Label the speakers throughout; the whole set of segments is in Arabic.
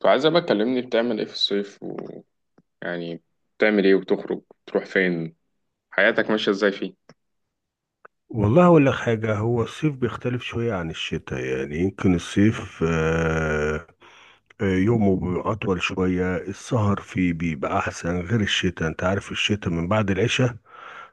Speaker 1: فعايزة بقى تكلمني بتعمل ايه في الصيف ويعني بتعمل ايه وبتخرج بتروح فين حياتك ماشية ازاي فيه.
Speaker 2: والله أقول لك حاجة. هو الصيف بيختلف شوية عن الشتاء، يعني يمكن الصيف يومه بيبقى أطول شوية. السهر فيه بيبقى أحسن غير الشتاء. أنت عارف الشتاء من بعد العشاء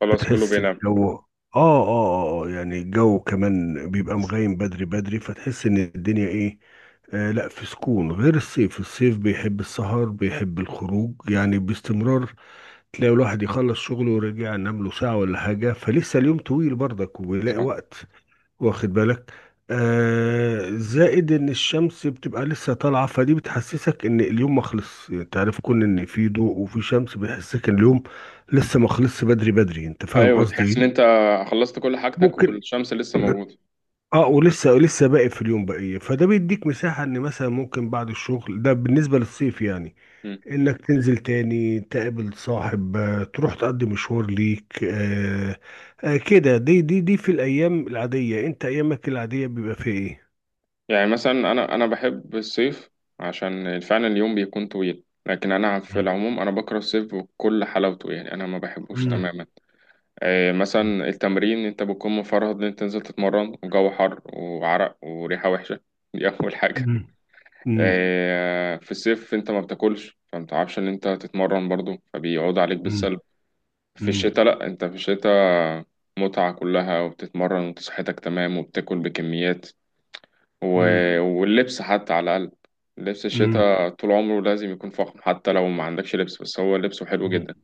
Speaker 1: خلاص كله
Speaker 2: بتحس
Speaker 1: بينام.
Speaker 2: الجو يعني الجو كمان بيبقى مغيم بدري بدري، فتحس إن الدنيا إيه. آه لا، في سكون. غير الصيف، الصيف بيحب السهر، بيحب الخروج يعني باستمرار. تلاقي الواحد يخلص شغله ورجع نام له ساعة ولا حاجة، فلسه اليوم طويل برضك وبيلاقي
Speaker 1: صح.
Speaker 2: وقت، واخد بالك؟ آه، زائد ان الشمس بتبقى لسه طالعه، فدي بتحسسك ان اليوم ما خلص يعني، تعرف كون ان في ضوء وفي شمس بيحسسك ان اليوم لسه ما خلصش بدري بدري، انت فاهم
Speaker 1: ايوه،
Speaker 2: قصدي
Speaker 1: تحس ان انت
Speaker 2: ايه؟
Speaker 1: خلصت كل حاجتك
Speaker 2: ممكن.
Speaker 1: والشمس لسه موجودة.
Speaker 2: اه ولسه لسه باقي في اليوم بقيه، فده بيديك مساحه ان مثلا ممكن بعد الشغل ده بالنسبه للصيف يعني
Speaker 1: مم.
Speaker 2: انك تنزل تاني تقابل صاحب تروح تقضي مشوار ليك. كده. دي في الايام العاديه، انت ايامك العاديه بيبقى فيها ايه؟
Speaker 1: يعني مثلا انا بحب الصيف عشان فعلا اليوم بيكون طويل، لكن انا في
Speaker 2: مم.
Speaker 1: العموم انا بكره الصيف بكل حلاوته، يعني انا ما بحبوش
Speaker 2: مم.
Speaker 1: تماما. إيه
Speaker 2: مم.
Speaker 1: مثلا التمرين، انت بتكون مفرهد ان انت تنزل تتمرن وجو حر وعرق وريحة وحشة، دي اول حاجة.
Speaker 2: مم.
Speaker 1: في الصيف انت ما بتاكلش فما بتعرفش ان انت تتمرن برضو، فبيعود عليك
Speaker 2: مم.
Speaker 1: بالسلب. في الشتاء لا، انت في الشتاء متعة كلها وبتتمرن وصحتك تمام وبتاكل بكميات و...
Speaker 2: مم.
Speaker 1: واللبس حتى على الأقل، لبس
Speaker 2: مم.
Speaker 1: الشتاء طول عمره لازم يكون فخم حتى لو ما عندكش لبس، بس هو لبسه حلو جدا.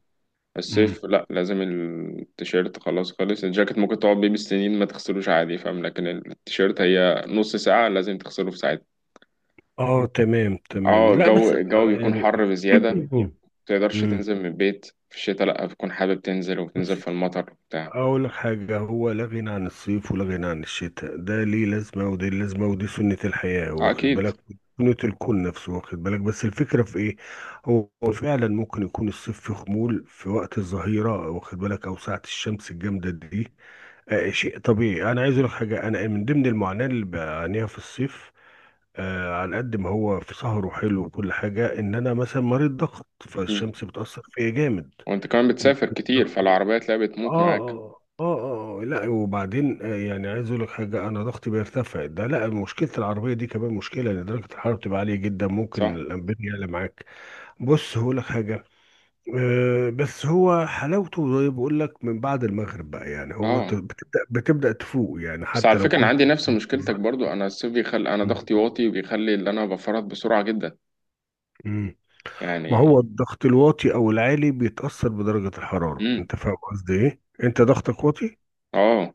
Speaker 2: مم.
Speaker 1: الصيف لا، لازم التيشيرت، خلاص خلص. الجاكيت ممكن تقعد بيه بالسنين ما تغسلوش عادي فاهم، لكن التيشيرت هي نص ساعة لازم تغسله في ساعتها.
Speaker 2: اه تمام تمام،
Speaker 1: اه
Speaker 2: لا
Speaker 1: الجو
Speaker 2: بس
Speaker 1: الجو بيكون
Speaker 2: يعني.
Speaker 1: حر بزيادة، متقدرش
Speaker 2: مم.
Speaker 1: تنزل من البيت. في الشتاء لأ، بتكون حابب تنزل وبتنزل
Speaker 2: بس
Speaker 1: في المطر وبتاع.
Speaker 2: اقول لك حاجه، هو لا غنى عن الصيف ولا غنى عن الشتاء. ده ليه لازمه ودي لازمه، ودي سنه الحياه،
Speaker 1: اه
Speaker 2: واخد
Speaker 1: أكيد.
Speaker 2: بالك؟ سنه الكون نفسه، واخد بالك؟ بس الفكره في ايه، هو فعلا ممكن يكون الصيف في خمول في وقت الظهيره، واخد بالك؟ او ساعه الشمس الجامده دي. شيء طبيعي. انا عايز اقول لك حاجه، انا من ضمن المعاناه اللي بعانيها في الصيف، على قد ما هو في سهر وحلو وكل حاجه، ان انا مثلا مريض ضغط،
Speaker 1: مم.
Speaker 2: فالشمس بتاثر فيا جامد.
Speaker 1: وأنت كمان بتسافر
Speaker 2: ممكن
Speaker 1: كتير
Speaker 2: ضغط-
Speaker 1: فالعربية تلاقيها بتموت
Speaker 2: اه
Speaker 1: معاك.
Speaker 2: اه اه اه، لا وبعدين يعني عايز اقول لك حاجه، انا ضغطي بيرتفع ده، لا مشكله. العربيه دي كمان مشكله، لان درجه الحراره بتبقى عاليه جدا، ممكن
Speaker 1: صح؟
Speaker 2: الانبياء يعلى معاك. بص هقول لك حاجه، بس هو حلاوته، زي بقول لك، من بعد المغرب بقى يعني، هو انت
Speaker 1: اه،
Speaker 2: بتبدا تفوق يعني،
Speaker 1: بس على
Speaker 2: حتى لو
Speaker 1: فكرة أنا
Speaker 2: كنت.
Speaker 1: عندي نفس مشكلتك برضو. أنا الصيف بيخلي أنا
Speaker 2: مم.
Speaker 1: ضغطي واطي، بيخلي اللي أنا بفرط بسرعة جدا
Speaker 2: مم. ما
Speaker 1: يعني.
Speaker 2: هو الضغط الواطي او العالي بيتاثر بدرجه الحراره،
Speaker 1: مم.
Speaker 2: انت فاهم قصدي ايه؟ انت ضغطك واطي.
Speaker 1: اه،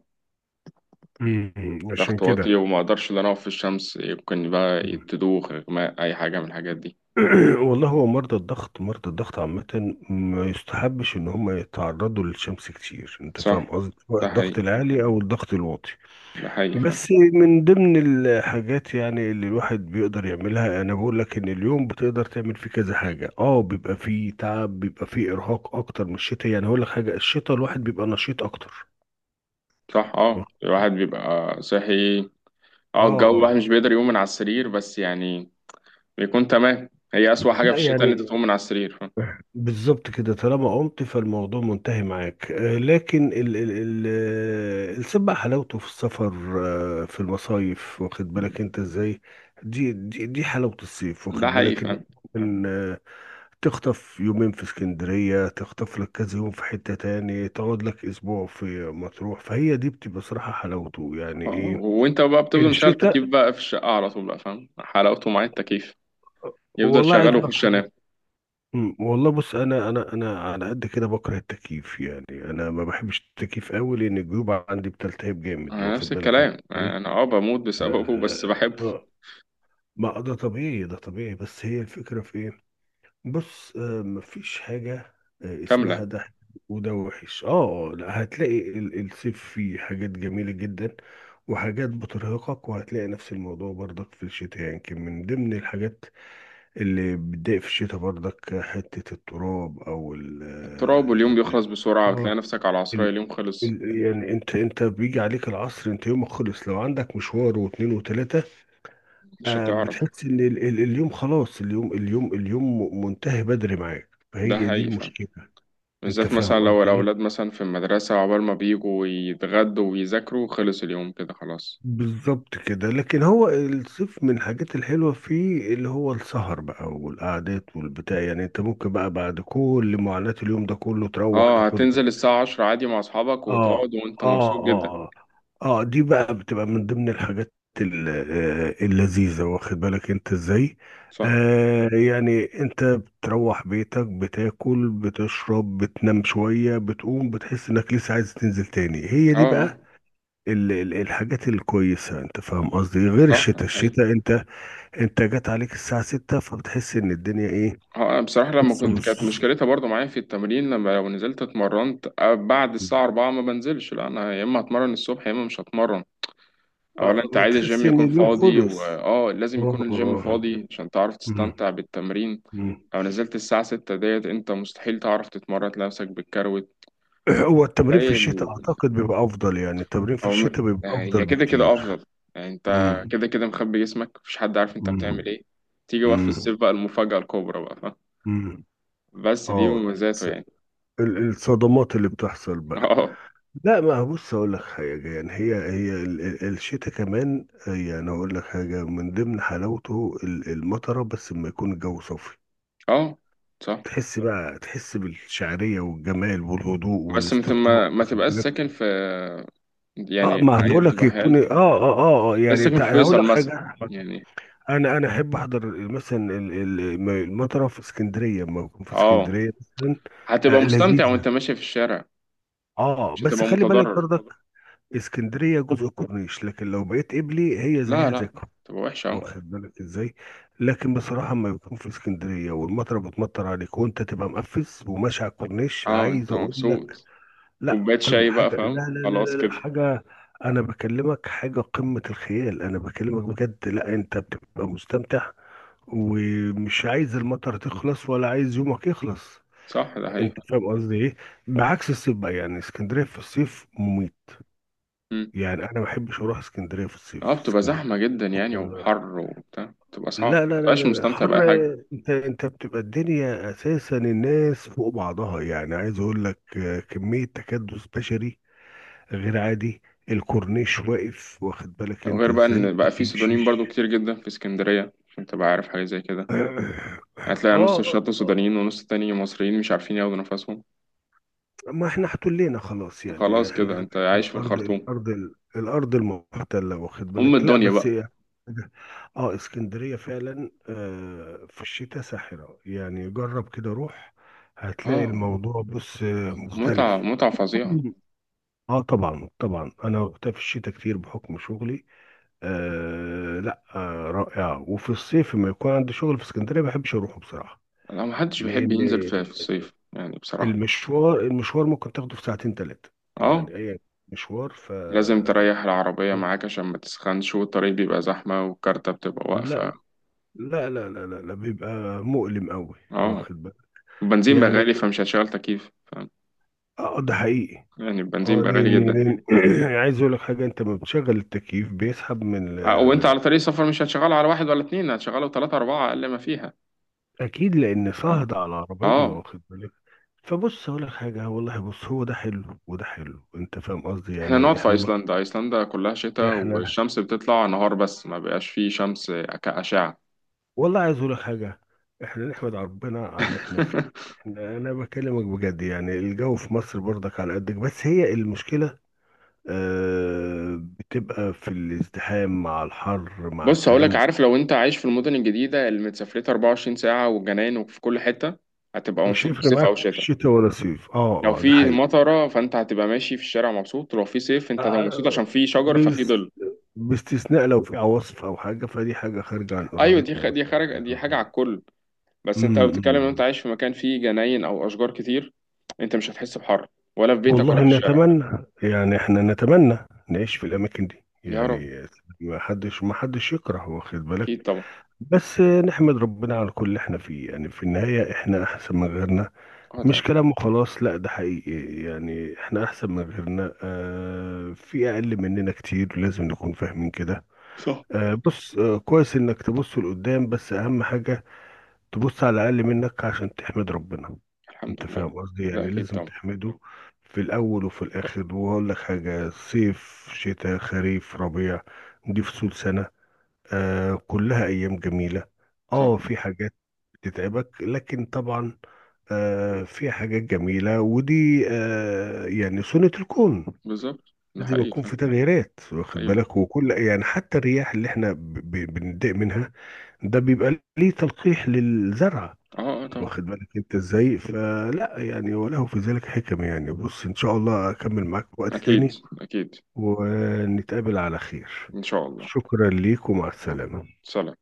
Speaker 2: مم. عشان
Speaker 1: ضغط
Speaker 2: كده.
Speaker 1: واطي وما أقدرش إن أنا أقف في الشمس، يمكن بقى
Speaker 2: مم.
Speaker 1: تدوخ، إغماء، أي حاجة من الحاجات دي.
Speaker 2: والله هو مرضى الضغط، مرضى الضغط عامة ما يستحبش ان هم يتعرضوا للشمس كتير، انت فاهم
Speaker 1: صح؟
Speaker 2: قصدي، سواء
Speaker 1: ده
Speaker 2: الضغط
Speaker 1: حقيقي.
Speaker 2: العالي او الضغط الواطي.
Speaker 1: ده حقيقي فعلا.
Speaker 2: بس من ضمن الحاجات يعني اللي الواحد بيقدر يعملها، انا بقول لك ان اليوم بتقدر تعمل فيه كذا حاجه، اه بيبقى فيه تعب، بيبقى فيه ارهاق اكتر من الشتاء يعني. هقول لك حاجه، الشتاء الواحد بيبقى نشيط اكتر.
Speaker 1: صح،
Speaker 2: اه
Speaker 1: اه الواحد بيبقى صاحي. اه الجو
Speaker 2: اه.
Speaker 1: الواحد مش بيقدر يقوم من على السرير، بس يعني بيكون تمام. هي أسوأ حاجة
Speaker 2: لا
Speaker 1: في الشتاء إن أنت
Speaker 2: يعني.
Speaker 1: تقوم من على السرير فاهم.
Speaker 2: بالظبط كده، طالما قمت فالموضوع منتهي معاك. آه، لكن ال ال ال آه، الصيد بقى حلاوته في السفر، في المصايف، واخد بالك انت ازاي؟ دي حلاوة الصيف،
Speaker 1: ده
Speaker 2: واخد
Speaker 1: حقيقي
Speaker 2: بالك ان
Speaker 1: فاهم.
Speaker 2: إن، تخطف يومين في اسكندرية، تخطف لك كذا يوم في حتة تاني، تقعد لك أسبوع في مطروح. فهي دي بتبقى صراحة حلاوته يعني
Speaker 1: اه،
Speaker 2: إيه.
Speaker 1: وأنت بقى بتفضل مشغل تكييف
Speaker 2: الشتاء،
Speaker 1: بقى في الشقة على طول بقى، فاهم حلاوته مع التكييف، يفضل
Speaker 2: والله عايز
Speaker 1: شغال
Speaker 2: أقول لك
Speaker 1: وأخش
Speaker 2: حاجة،
Speaker 1: أنام.
Speaker 2: والله بص، أنا على قد كده بكره التكييف يعني، أنا ما بحبش التكييف أوي، لأن الجيوب عندي بتلتهب جامد،
Speaker 1: اه، نفس
Speaker 2: واخد بالك أنت
Speaker 1: الكلام،
Speaker 2: إزاي؟
Speaker 1: أنا أه بموت
Speaker 2: ف
Speaker 1: بسببه بس بحبه.
Speaker 2: آه، ما ده طبيعي، ده طبيعي. بس هي الفكرة في إيه، بص مفيش حاجة اسمها
Speaker 1: كاملة.
Speaker 2: ده حلو وده وحش. اه لا، هتلاقي الصيف فيه حاجات جميلة جدا وحاجات بترهقك، وهتلاقي نفس الموضوع برضك في الشتاء يعني. يمكن من ضمن الحاجات اللي بتضايق في الشتاء برضك حتة التراب او ال
Speaker 1: التراب، واليوم بيخلص بسرعة،
Speaker 2: اه
Speaker 1: بتلاقي
Speaker 2: آه،
Speaker 1: نفسك على العصرية
Speaker 2: ال
Speaker 1: اليوم خلص،
Speaker 2: ال- يعني انت بيجي عليك العصر، انت يومك خلص لو عندك مشوار واتنين وتلاتة.
Speaker 1: مش هتعرف.
Speaker 2: بتحس ان اليوم خلاص، اليوم منتهي بدري معاك،
Speaker 1: ده
Speaker 2: فهي دي
Speaker 1: حقيقي فاهم.
Speaker 2: المشكله، انت
Speaker 1: بالذات مثلا
Speaker 2: فاهم
Speaker 1: لو
Speaker 2: قصدي ايه؟
Speaker 1: الأولاد مثلا في المدرسة، عقبال ما بيجوا يتغدوا ويذاكروا خلص اليوم كده خلاص.
Speaker 2: بالظبط كده. لكن هو الصيف من الحاجات الحلوه فيه اللي هو السهر بقى والقعدات والبتاع يعني، انت ممكن بقى بعد كل معاناه اليوم ده كله تروح
Speaker 1: اه،
Speaker 2: تاخد.
Speaker 1: هتنزل الساعة 10 عادي مع أصحابك
Speaker 2: اه
Speaker 1: وتقعد وأنت
Speaker 2: اه
Speaker 1: مبسوط
Speaker 2: اه
Speaker 1: جدا.
Speaker 2: اه دي بقى بتبقى من ضمن الحاجات اللذيذة، واخد بالك انت ازاي؟
Speaker 1: صح.
Speaker 2: يعني انت بتروح بيتك، بتاكل بتشرب، بتنام شوية، بتقوم بتحس انك لسه عايز تنزل تاني. هي
Speaker 1: اه.
Speaker 2: دي بقى الحاجات الكويسة، انت فاهم قصدي؟ غير
Speaker 1: صح.
Speaker 2: الشتاء،
Speaker 1: هي
Speaker 2: الشتاء انت، انت جات عليك الساعة ستة فبتحس ان الدنيا ايه.
Speaker 1: اه. أنا بصراحة لما
Speaker 2: نص
Speaker 1: كنت، كانت
Speaker 2: نص.
Speaker 1: مشكلتها برضو معايا في التمرين، لما لو نزلت اتمرنت بعد الساعة 4 ما بنزلش، لا أنا يا إما هتمرن الصبح يا إما مش هتمرن. أولا
Speaker 2: اه
Speaker 1: أنت عايز الجيم
Speaker 2: بتحس ان
Speaker 1: يكون
Speaker 2: اليوم
Speaker 1: فاضي،
Speaker 2: خلص.
Speaker 1: وآه لازم يكون
Speaker 2: اه آه.
Speaker 1: الجيم
Speaker 2: آه.
Speaker 1: فاضي عشان تعرف
Speaker 2: مم.
Speaker 1: تستمتع بالتمرين.
Speaker 2: مم.
Speaker 1: لو نزلت الساعة 6 ديت أنت مستحيل تعرف تتمرن، تلاقي نفسك بالكروت.
Speaker 2: هو التمرين في الشتاء اعتقد بيبقى افضل، يعني التمرين في
Speaker 1: أو م-
Speaker 2: الشتاء بيبقى
Speaker 1: آه،
Speaker 2: افضل
Speaker 1: هي كده كده
Speaker 2: بكتير.
Speaker 1: أفضل، يعني أنت
Speaker 2: امم
Speaker 1: كده كده مخبي جسمك مفيش حد عارف أنت
Speaker 2: امم
Speaker 1: بتعمل إيه. تيجي بقى في
Speaker 2: امم
Speaker 1: الصيف بقى المفاجأة الكبرى بقى، فاهم؟
Speaker 2: امم
Speaker 1: بس دي
Speaker 2: اه
Speaker 1: مميزاته
Speaker 2: الص-
Speaker 1: يعني.
Speaker 2: الصدمات اللي بتحصل بقى.
Speaker 1: أه.
Speaker 2: لا ما بص اقول لك حاجه يعني، هي الشتاء كمان يعني، اقول لك حاجه، من ضمن حلاوته المطره، بس لما يكون الجو صافي
Speaker 1: أه. صح.
Speaker 2: تحس بقى، تحس بالشعريه والجمال والهدوء
Speaker 1: بس أنت
Speaker 2: والاسترخاء،
Speaker 1: ما
Speaker 2: واخد
Speaker 1: تبقاش
Speaker 2: بالك؟
Speaker 1: ساكن في،
Speaker 2: اه
Speaker 1: يعني
Speaker 2: ما
Speaker 1: أيا
Speaker 2: بقول لك
Speaker 1: تبقى
Speaker 2: يكون
Speaker 1: حال،
Speaker 2: اه اه اه
Speaker 1: بس
Speaker 2: يعني
Speaker 1: ساكن في
Speaker 2: هقول
Speaker 1: فيصل
Speaker 2: لك
Speaker 1: مثلا
Speaker 2: حاجه،
Speaker 1: يعني.
Speaker 2: انا احب احضر مثلا المطره في اسكندريه لما بكون في
Speaker 1: أه،
Speaker 2: اسكندريه مثلا.
Speaker 1: هتبقى
Speaker 2: آه
Speaker 1: مستمتع
Speaker 2: لذيذه.
Speaker 1: وأنت ماشي في الشارع،
Speaker 2: اه
Speaker 1: مش
Speaker 2: بس
Speaker 1: هتبقى
Speaker 2: خلي بالك
Speaker 1: متضرر.
Speaker 2: برضك، اسكندريه جزء الكورنيش، لكن لو بقيت قبلي هي
Speaker 1: لا
Speaker 2: زيها زي
Speaker 1: لا،
Speaker 2: الكورنيش،
Speaker 1: تبقى وحشة أه.
Speaker 2: واخد بالك ازاي؟ لكن بصراحه لما بكون في اسكندريه والمطره بتمطر عليك وانت تبقى مقفز وماشي على الكورنيش،
Speaker 1: أه
Speaker 2: عايز
Speaker 1: أنت
Speaker 2: اقول لك،
Speaker 1: مبسوط،
Speaker 2: لا
Speaker 1: كوباية
Speaker 2: قمه
Speaker 1: شاي بقى
Speaker 2: حاجه، لا
Speaker 1: فاهم،
Speaker 2: لا لا
Speaker 1: خلاص
Speaker 2: لا, لا
Speaker 1: كده.
Speaker 2: حاجه. انا بكلمك حاجه، قمه الخيال انا بكلمك بجد. لا انت بتبقى مستمتع، ومش عايز المطر تخلص ولا عايز يومك يخلص،
Speaker 1: صح، ده حقيقي.
Speaker 2: انت فاهم قصدي ايه؟ بعكس الصيف بقى، يعني اسكندريه في الصيف مميت يعني، انا ما بحبش اروح اسكندريه في
Speaker 1: اه
Speaker 2: الصيف.
Speaker 1: بتبقى
Speaker 2: اسكندريه،
Speaker 1: زحمة جدا يعني، وحر وبتاع، بتبقى صعب
Speaker 2: لا لا لا
Speaker 1: مبقاش
Speaker 2: لا لا،
Speaker 1: مستمتع بأي
Speaker 2: حر.
Speaker 1: حاجة.
Speaker 2: انت بتبقى الدنيا اساسا الناس فوق بعضها، يعني عايز اقول لك كميه تكدس بشري غير عادي. الكورنيش واقف، واخد بالك انت
Speaker 1: وغير بقى
Speaker 2: ازاي؟
Speaker 1: إن
Speaker 2: ما
Speaker 1: بقى في سودانيين برضو
Speaker 2: بيمشيش.
Speaker 1: كتير جدا في اسكندرية، عشان تبقى عارف حاجة زي كده.
Speaker 2: اه
Speaker 1: هتلاقي نص الشط سودانيين ونص التاني مصريين مش عارفين ياخدوا نفسهم.
Speaker 2: ما احنا احتلينا خلاص يعني،
Speaker 1: خلاص
Speaker 2: احنا
Speaker 1: كده
Speaker 2: بقينا
Speaker 1: انت عايش في
Speaker 2: الارض
Speaker 1: الخرطوم،
Speaker 2: الارض الارض المحتله، واخد
Speaker 1: أم
Speaker 2: بالك. لا
Speaker 1: الدنيا
Speaker 2: بس
Speaker 1: بقى.
Speaker 2: اه اسكندريه فعلا في الشتاء ساحره يعني، جرب كده روح هتلاقي
Speaker 1: اه،
Speaker 2: الموضوع. بص
Speaker 1: متعة
Speaker 2: مختلف.
Speaker 1: متعة فظيعة.
Speaker 2: اه طبعا طبعا، انا وقتها في الشتاء كتير بحكم شغلي. آه لا، رائعه. وفي الصيف لما يكون عندي شغل في اسكندريه ما بحبش اروحه بصراحه،
Speaker 1: لا، محدش بيحب
Speaker 2: لان
Speaker 1: ينزل في الصيف يعني بصراحة.
Speaker 2: المشوار ممكن تاخده في ساعتين ثلاثة
Speaker 1: اه،
Speaker 2: يعني، أي مشوار.
Speaker 1: لازم تريح العربية معاك عشان ما تسخنش، والطريق بيبقى زحمة والكارتة بتبقى
Speaker 2: لا
Speaker 1: واقفة.
Speaker 2: لا لا لا لا, لا بيبقى مؤلم قوي،
Speaker 1: اه،
Speaker 2: واخد بالك
Speaker 1: البنزين بقى
Speaker 2: يعني.
Speaker 1: غالي فمش هتشغل تكييف،
Speaker 2: اه ده حقيقي.
Speaker 1: يعني
Speaker 2: اه
Speaker 1: البنزين بقى غالي
Speaker 2: لان
Speaker 1: جدا.
Speaker 2: عايز اقول لك حاجه، انت لما بتشغل التكييف بيسحب من
Speaker 1: وانت على طريق السفر مش هتشغله على واحد ولا اتنين، هتشغله تلاتة أربعة أقل ما فيها.
Speaker 2: اكيد، لان
Speaker 1: اه
Speaker 2: صهد على العربيه،
Speaker 1: آه.
Speaker 2: واخد بالك. فبص اقول لك حاجه، والله بص هو ده حلو وده حلو، انت فاهم قصدي
Speaker 1: احنا
Speaker 2: يعني.
Speaker 1: نقعد في
Speaker 2: احنا
Speaker 1: أيسلندا، أيسلندا كلها شتاء
Speaker 2: احنا
Speaker 1: والشمس بتطلع نهار بس ما بقاش فيه شمس كأشعة.
Speaker 2: والله عايز اقول لك حاجه، احنا نحمد ربنا على اللي احنا فيه. احنا انا بكلمك بجد يعني، الجو في مصر برضك على قدك، بس هي المشكله آه، بتبقى في الازدحام مع الحر مع
Speaker 1: بص هقولك،
Speaker 2: الكلام ده.
Speaker 1: عارف لو انت عايش في المدن الجديدة اللي متسافرتها 24 ساعة والجناين وفي كل حتة، هتبقى
Speaker 2: مش
Speaker 1: مبسوط
Speaker 2: هيفرق
Speaker 1: بالصيف
Speaker 2: معاك
Speaker 1: أو الشتاء.
Speaker 2: شتاء ولا صيف، اه
Speaker 1: لو
Speaker 2: اه ده
Speaker 1: في
Speaker 2: حقيقي.
Speaker 1: مطرة فانت هتبقى ماشي في الشارع مبسوط، ولو في صيف انت هتبقى مبسوط
Speaker 2: آه
Speaker 1: عشان في شجر ففي
Speaker 2: بس
Speaker 1: ظل.
Speaker 2: باستثناء لو في عواصف او حاجه، فدي حاجه خارجه عن
Speaker 1: ايوه
Speaker 2: ارادتنا بقى
Speaker 1: دي خارج،
Speaker 2: يعني، اه
Speaker 1: دي حاجة على
Speaker 2: آه.
Speaker 1: الكل. بس انت لو
Speaker 2: أمم، أمم.
Speaker 1: بتتكلم ان انت
Speaker 2: امم.
Speaker 1: عايش في مكان فيه جناين او اشجار كتير، انت مش هتحس بحر ولا في بيتك ولا
Speaker 2: والله
Speaker 1: في الشارع.
Speaker 2: نتمنى يعني، احنا نتمنى نعيش في الاماكن دي
Speaker 1: يا رب.
Speaker 2: يعني. ما حدش يكره، واخد بالك.
Speaker 1: اكيد طبعا.
Speaker 2: بس نحمد ربنا على كل اللي احنا فيه، يعني في النهاية احنا احسن من غيرنا،
Speaker 1: اه
Speaker 2: مش
Speaker 1: طبعا.
Speaker 2: كلام وخلاص لا، ده حقيقي. يعني احنا احسن من غيرنا، اه في اقل مننا كتير، لازم نكون فاهمين كده.
Speaker 1: صح.
Speaker 2: بص كويس انك تبص لقدام، بس اهم حاجة تبص على الاقل منك عشان تحمد ربنا،
Speaker 1: الحمد
Speaker 2: انت
Speaker 1: لله.
Speaker 2: فاهم قصدي
Speaker 1: ده
Speaker 2: يعني،
Speaker 1: اكيد
Speaker 2: لازم
Speaker 1: طبعا.
Speaker 2: تحمده في الاول وفي الاخر. وهقول لك حاجه، صيف شتاء خريف ربيع، دي فصول سنه، آه كلها ايام جميله.
Speaker 1: صح.
Speaker 2: اه في حاجات بتتعبك، لكن طبعا آه في حاجات جميله، ودي آه يعني سنه الكون،
Speaker 1: بالظبط ده
Speaker 2: لازم
Speaker 1: حقيقي
Speaker 2: يكون
Speaker 1: فعلا.
Speaker 2: في تغييرات، واخد
Speaker 1: ايوه.
Speaker 2: بالك. وكل يعني، حتى الرياح اللي احنا بنضايق منها، ده بيبقى ليه تلقيح للزرع،
Speaker 1: اه اه طبعا.
Speaker 2: واخد بالك انت ازاي؟ فلا يعني، وله في ذلك حكم يعني. بص ان شاء الله اكمل معاك في وقت
Speaker 1: اكيد.
Speaker 2: تاني،
Speaker 1: اكيد.
Speaker 2: ونتقابل على خير.
Speaker 1: ان شاء الله.
Speaker 2: شكرا ليك، ومع
Speaker 1: آه.
Speaker 2: السلامة.
Speaker 1: سلام.